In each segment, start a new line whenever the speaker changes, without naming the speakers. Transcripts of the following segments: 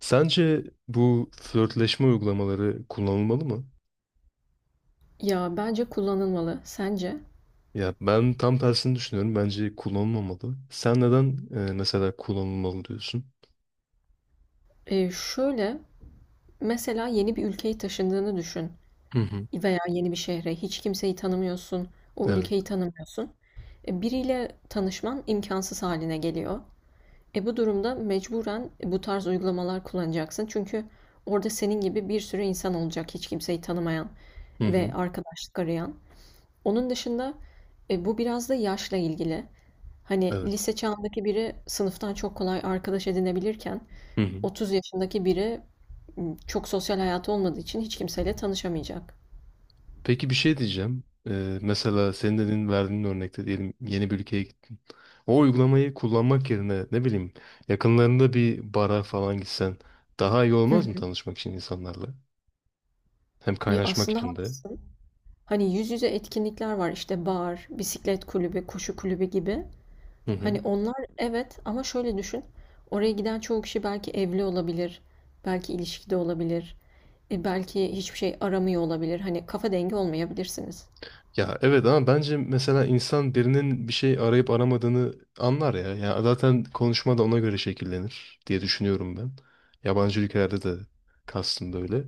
Sence bu flörtleşme uygulamaları kullanılmalı mı?
Ya bence kullanılmalı. Sence?
Ya ben tam tersini düşünüyorum. Bence kullanılmamalı. Sen neden mesela kullanılmalı diyorsun?
Şöyle, mesela yeni bir ülkeye taşındığını düşün
Hı hı.
veya yeni bir şehre. Hiç kimseyi tanımıyorsun, o
Evet.
ülkeyi tanımıyorsun. Biriyle tanışman imkansız haline geliyor. Bu durumda mecburen bu tarz uygulamalar kullanacaksın. Çünkü orada senin gibi bir sürü insan olacak hiç kimseyi tanımayan
Hı
ve
hı.
arkadaşlık arayan. Onun dışında bu biraz da yaşla ilgili. Hani
Evet.
lise çağındaki biri sınıftan çok kolay arkadaş edinebilirken
Hı hı.
30 yaşındaki biri çok sosyal hayatı olmadığı için hiç kimseyle tanışamayacak.
Peki bir şey diyeceğim. Mesela senin dediğin verdiğin örnekte diyelim yeni bir ülkeye gittin. O uygulamayı kullanmak yerine ne bileyim yakınlarında bir bara falan gitsen daha iyi olmaz
Hı.
mı tanışmak için insanlarla? Hem
Ya
kaynaşmak
aslında
için de.
haklısın. Hani yüz yüze etkinlikler var işte bar, bisiklet kulübü, koşu kulübü gibi.
Hı hı.
Hani onlar evet ama şöyle düşün. Oraya giden çoğu kişi belki evli olabilir, belki ilişkide olabilir, belki hiçbir şey aramıyor olabilir. Hani kafa dengi olmayabilirsiniz.
Ya evet ama bence mesela insan birinin bir şey arayıp aramadığını anlar ya. Ya zaten konuşma da ona göre şekillenir diye düşünüyorum ben. Yabancı ülkelerde de kastım böyle.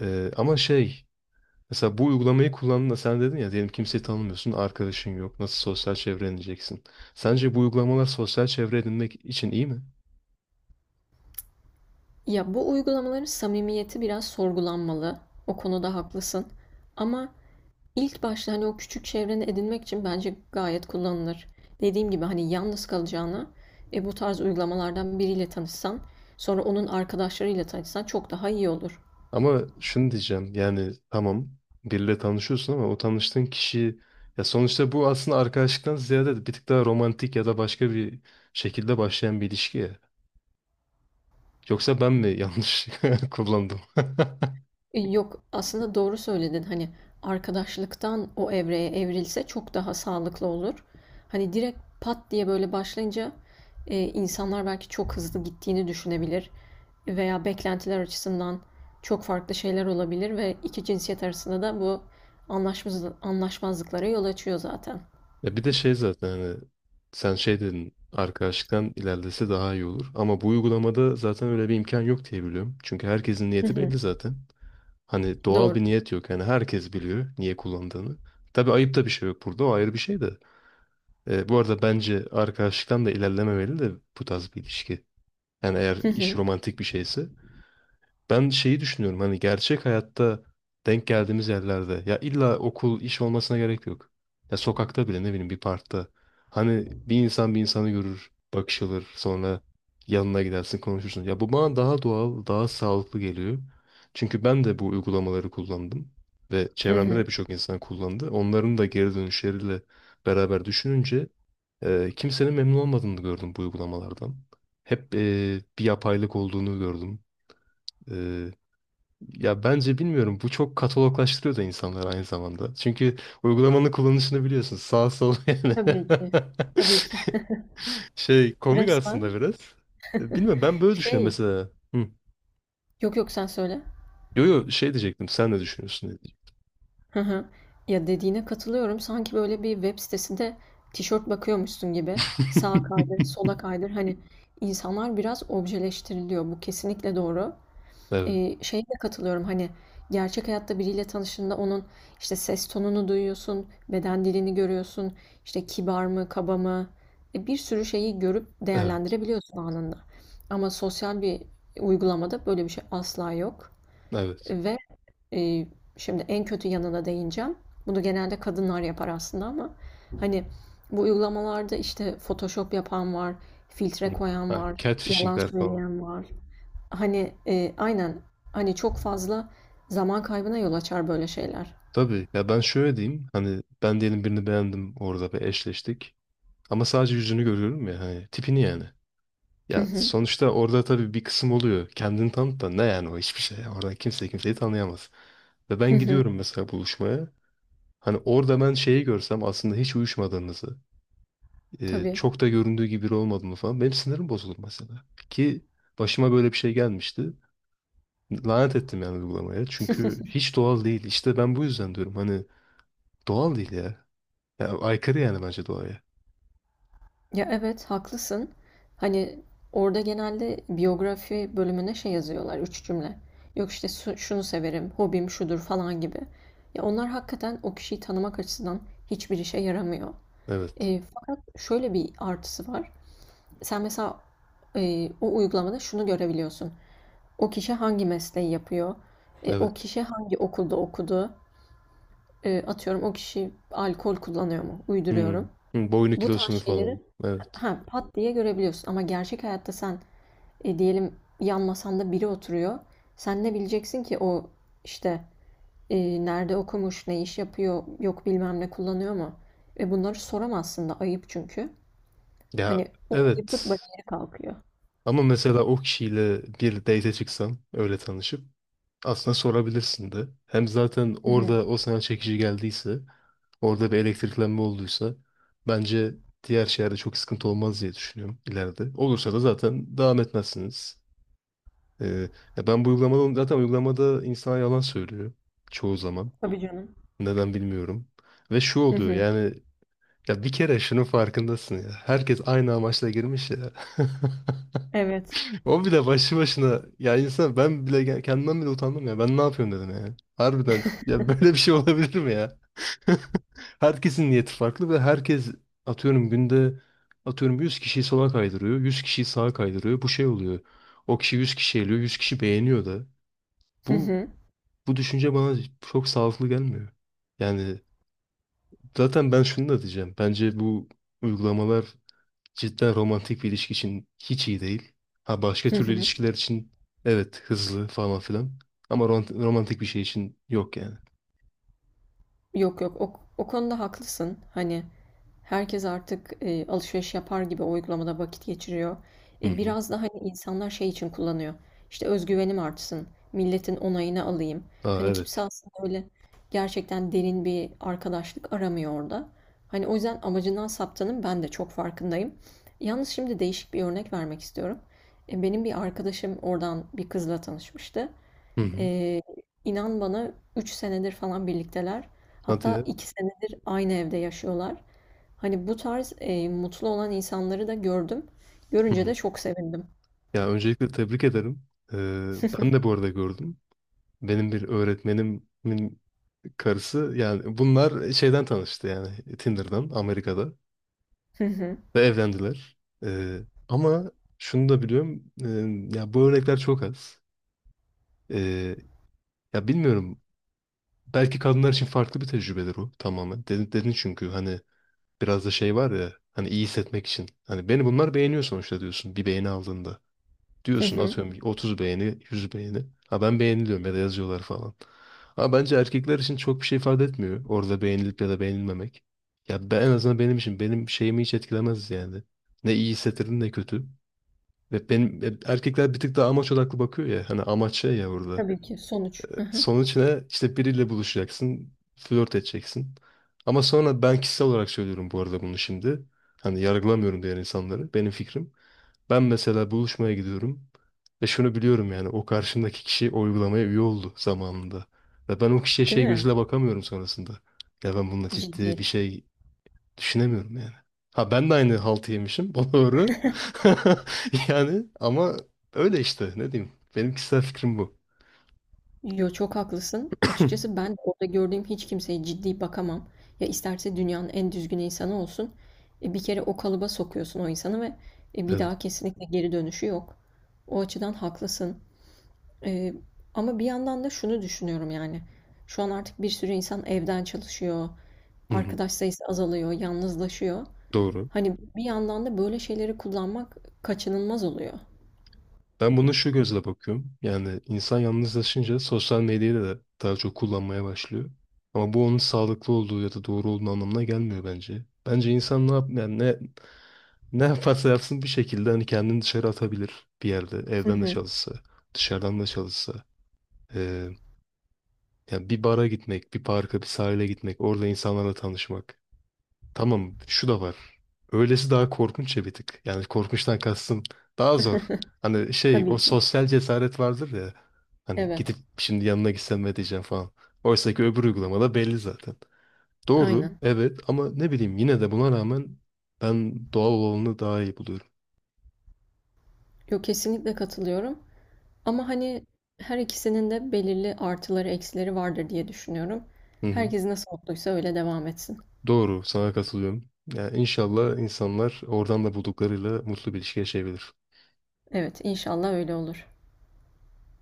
Ama mesela bu uygulamayı kullandığında sen dedin ya diyelim kimseyi tanımıyorsun, arkadaşın yok. Nasıl sosyal çevre edineceksin? Sence bu uygulamalar sosyal çevre edinmek için iyi mi?
Ya bu uygulamaların samimiyeti biraz sorgulanmalı. O konuda haklısın. Ama İlk başta hani o küçük çevreni edinmek için bence gayet kullanılır. Dediğim gibi hani yalnız kalacağına bu tarz uygulamalardan biriyle tanışsan, sonra onun arkadaşlarıyla tanışsan çok daha iyi olur.
Ama şunu diyeceğim yani tamam biriyle tanışıyorsun ama o tanıştığın kişi ya sonuçta bu aslında arkadaşlıktan ziyade bir tık daha romantik ya da başka bir şekilde başlayan bir ilişki ya. Yoksa ben mi yanlış kullandım?
Yok aslında doğru söyledin hani arkadaşlıktan o evreye evrilse çok daha sağlıklı olur. Hani direkt pat diye böyle başlayınca insanlar belki çok hızlı gittiğini düşünebilir veya beklentiler açısından çok farklı şeyler olabilir ve iki cinsiyet arasında da bu anlaşmazlıklara yol açıyor zaten.
Ya bir de şey zaten hani sen şey dedin arkadaşlıktan ilerlese daha iyi olur. Ama bu uygulamada zaten öyle bir imkan yok diye biliyorum. Çünkü herkesin
Hı
niyeti
hı,
belli zaten. Hani doğal
doğru.
bir niyet yok. Yani herkes biliyor niye kullandığını. Tabii ayıp da bir şey yok burada. O ayrı bir şey de. Bu arada bence arkadaşlıktan da ilerlememeli de bu tarz bir ilişki. Yani eğer
Hı
iş
hı,
romantik bir şeyse. Ben şeyi düşünüyorum hani gerçek hayatta denk geldiğimiz yerlerde ya illa okul, iş olmasına gerek yok. Ya sokakta bile ne bileyim bir parkta. Hani bir insan bir insanı görür, bakışılır, sonra yanına gidersin konuşursun. Ya bu bana daha doğal, daha sağlıklı geliyor. Çünkü ben de bu uygulamaları kullandım ve
hı
çevremde
hı.
de birçok insan kullandı. Onların da geri dönüşleriyle beraber düşününce, kimsenin memnun olmadığını gördüm bu uygulamalardan. Hep bir yapaylık olduğunu gördüm. Eee, Ya bence bilmiyorum bu çok kataloglaştırıyor da insanları aynı zamanda. Çünkü uygulamanın kullanışını biliyorsun sağ sol yani.
Tabii ki. Tabii ki.
Şey komik aslında
Resmen
biraz. Bilmiyorum ben böyle düşünüyorum
şey.
mesela. Hı.
Yok yok sen söyle.
Yo, şey diyecektim sen ne düşünüyorsun diye diyecektim.
Hı hı. Ya, dediğine katılıyorum. Sanki böyle bir web sitesinde tişört bakıyormuşsun gibi. Sağa kaydır, sola kaydır. Hani insanlar biraz objeleştiriliyor. Bu kesinlikle doğru.
Evet,
Şeye de katılıyorum. Hani gerçek hayatta biriyle tanıştığında onun işte ses tonunu duyuyorsun, beden dilini görüyorsun, işte kibar mı, kaba mı, bir sürü şeyi görüp
evet,
değerlendirebiliyorsun anında. Ama sosyal bir uygulamada böyle bir şey asla yok.
evet.
Ve e, şimdi en kötü yanına değineceğim. Bunu genelde kadınlar yapar aslında ama hani bu uygulamalarda işte Photoshop yapan var,
Hı.
filtre koyan
Ha,
var, yalan
catfishingler falan.
söyleyen var. Hani aynen hani çok fazla zaman kaybına yol açar böyle şeyler.
Tabii ya ben şöyle diyeyim hani ben diyelim birini beğendim orada ve eşleştik ama sadece yüzünü görüyorum ya hani tipini yani.
Hı
Ya
hı.
sonuçta orada tabii bir kısım oluyor kendini tanıt da ne yani o hiçbir şey orada kimse kimseyi tanıyamaz. Ve ben
Hı hı.
gidiyorum mesela buluşmaya hani orada ben şeyi görsem aslında hiç uyuşmadığımızı
Tabii.
çok da göründüğü gibi biri olmadığını falan benim sinirim bozulur mesela. Ki başıma böyle bir şey gelmişti lanet ettim yani uygulamaya çünkü hiç doğal değil işte ben bu yüzden diyorum hani doğal değil ya. Ya, aykırı yani bence doğaya.
Ya evet haklısın. Hani orada genelde biyografi bölümüne şey yazıyorlar üç cümle. Yok işte şunu severim, hobim şudur falan gibi. Ya onlar hakikaten o kişiyi tanımak açısından hiçbir işe yaramıyor.
Evet.
Fakat şöyle bir artısı var. Sen mesela o uygulamada şunu görebiliyorsun. O kişi hangi mesleği yapıyor? O
Evet.
kişi hangi okulda okudu? Atıyorum, o kişi alkol kullanıyor mu?
Hmm.
Uyduruyorum.
Hmm, boyunu
Bu tarz
kilosunu
şeyleri
falan. Evet.
ha, pat diye görebiliyorsun. Ama gerçek hayatta sen diyelim yan masanda biri oturuyor. Sen ne bileceksin ki o işte nerede okumuş, ne iş yapıyor, yok bilmem ne kullanıyor mu? Ve bunları soramazsın da ayıp çünkü.
Ya
Hani o ayıplık
evet.
bariyeri kalkıyor.
Ama mesela o kişiyle bir date çıksam öyle tanışıp aslında sorabilirsin de. Hem zaten orada o sana çekici geldiyse orada bir elektriklenme olduysa bence diğer şeylerde çok sıkıntı olmaz diye düşünüyorum ileride. Olursa da zaten devam etmezsiniz. Ee, Ya ben bu uygulamadan zaten uygulamada insan yalan söylüyor çoğu zaman.
Tabii canım.
Neden bilmiyorum. Ve şu
Hı
oluyor
hı.
yani ya bir kere şunun farkındasın ya. Herkes aynı amaçla girmiş ya.
Evet.
O bile başlı başına ya insan ben bile kendimden bile utandım ya. Ben ne yapıyorum dedim yani. Harbiden ya böyle bir şey olabilir mi ya? Herkesin niyeti farklı ve herkes atıyorum günde atıyorum 100 kişiyi sola kaydırıyor, 100 kişiyi sağa kaydırıyor. Bu şey oluyor. O kişi 100 kişi eliyor, 100 kişi beğeniyor da.
Hı
Bu
hı.
Bu düşünce bana çok sağlıklı gelmiyor. Yani zaten ben şunu da diyeceğim. Bence bu uygulamalar cidden romantik bir ilişki için hiç iyi değil. Ha başka
Hı
türlü
hı.
ilişkiler için evet hızlı falan filan. Ama romantik bir şey için yok yani.
Yok yok o konuda haklısın. Hani herkes artık alışveriş yapar gibi o uygulamada vakit geçiriyor.
Hı hı.
Biraz da hani insanlar şey için kullanıyor. İşte özgüvenim artsın, milletin onayını alayım.
Aa
Hani kimse
evet.
aslında öyle gerçekten derin bir arkadaşlık aramıyor orada. Hani o yüzden amacından saptanın ben de çok farkındayım. Yalnız şimdi değişik bir örnek vermek istiyorum. Benim bir arkadaşım oradan bir kızla tanışmıştı.
Hı hı.
Ee, inan bana 3 senedir falan birlikteler.
Hadi
Hatta
ya.
2 senedir aynı evde yaşıyorlar. Hani bu tarz mutlu olan insanları da gördüm.
Hı
Görünce
hı.
de çok sevindim.
Ya öncelikle tebrik ederim. Ee, Ben de bu arada gördüm. Benim bir öğretmenimin karısı yani bunlar şeyden tanıştı yani Tinder'dan Amerika'da.
Hı hı.
Ve evlendiler. Ee, Ama şunu da biliyorum. Ya bu örnekler çok az. Ee, Ya bilmiyorum. Belki kadınlar için farklı bir tecrübedir o tamamen. Dedin, dedin çünkü hani biraz da şey var ya hani iyi hissetmek için. Hani beni bunlar beğeniyor sonuçta diyorsun bir beğeni aldığında.
Hı
Diyorsun
hı.
atıyorum 30 beğeni, 100 beğeni. Ha ben beğeniliyorum ya da yazıyorlar falan. Ama bence erkekler için çok bir şey ifade etmiyor. Orada beğenilip ya da beğenilmemek. Ya ben, en azından benim için benim şeyimi hiç etkilemez yani. Ne iyi hissettirir ne kötü. Ve benim erkekler bir tık daha amaç odaklı bakıyor ya. Hani amaç şey ya burada.
Tabii ki sonuç. Hı hı.
Sonuç ne? İşte biriyle buluşacaksın, flört edeceksin. Ama sonra ben kişisel olarak söylüyorum bu arada bunu şimdi. Hani yargılamıyorum diğer insanları. Benim fikrim. Ben mesela buluşmaya gidiyorum. Ve şunu biliyorum yani o karşımdaki kişi o uygulamaya üye oldu zamanında. Ve ben o kişiye
Değil
şey
mi?
gözüyle bakamıyorum sonrasında. Ya ben bununla
Ciddi.
ciddi bir şey düşünemiyorum yani. Ha ben de aynı haltı yemişim. O doğru. Yani ama öyle işte ne diyeyim. Benim kişisel fikrim bu.
Yo çok haklısın. Açıkçası ben orada gördüğüm hiç kimseye ciddi bakamam. Ya isterse dünyanın en düzgün insanı olsun. Bir kere o kalıba sokuyorsun o insanı ve bir
Evet.
daha kesinlikle geri dönüşü yok. O açıdan haklısın. Eee, Ama bir yandan da şunu düşünüyorum yani. Şu an artık bir sürü insan evden çalışıyor.
Hı hı.
Arkadaş sayısı azalıyor, yalnızlaşıyor.
Doğru.
Hani bir yandan da böyle şeyleri kullanmak kaçınılmaz oluyor.
Ben bunu şu gözle bakıyorum. Yani insan yalnızlaşınca sosyal medyayı da daha çok kullanmaya başlıyor. Ama bu onun sağlıklı olduğu ya da doğru olduğu anlamına gelmiyor bence. Bence insan ne yap yani ne yaparsa yapsın bir şekilde hani kendini dışarı atabilir bir yerde.
Hı
Evden de
hı.
çalışsa, dışarıdan da çalışsa. Yani bir bara gitmek, bir parka, bir sahile gitmek, orada insanlarla tanışmak. Tamam, şu da var. Öylesi daha korkunç ya bir tık. Yani korkunçtan kastım daha zor. Hani şey, o
Tabii ki.
sosyal cesaret vardır ya. Hani gidip
Evet,
şimdi yanına gitsem ne diyeceğim falan. Oysa ki öbür uygulamada belli zaten. Doğru,
aynen.
evet ama ne bileyim yine de buna rağmen ben doğal olanı daha iyi buluyorum.
Yok kesinlikle katılıyorum. Ama hani her ikisinin de belirli artıları eksileri vardır diye düşünüyorum.
Hı hı.
Herkes nasıl mutluysa öyle devam etsin.
Doğru, sana katılıyorum. Yani inşallah insanlar oradan da bulduklarıyla mutlu bir ilişki yaşayabilir.
Evet, inşallah öyle olur.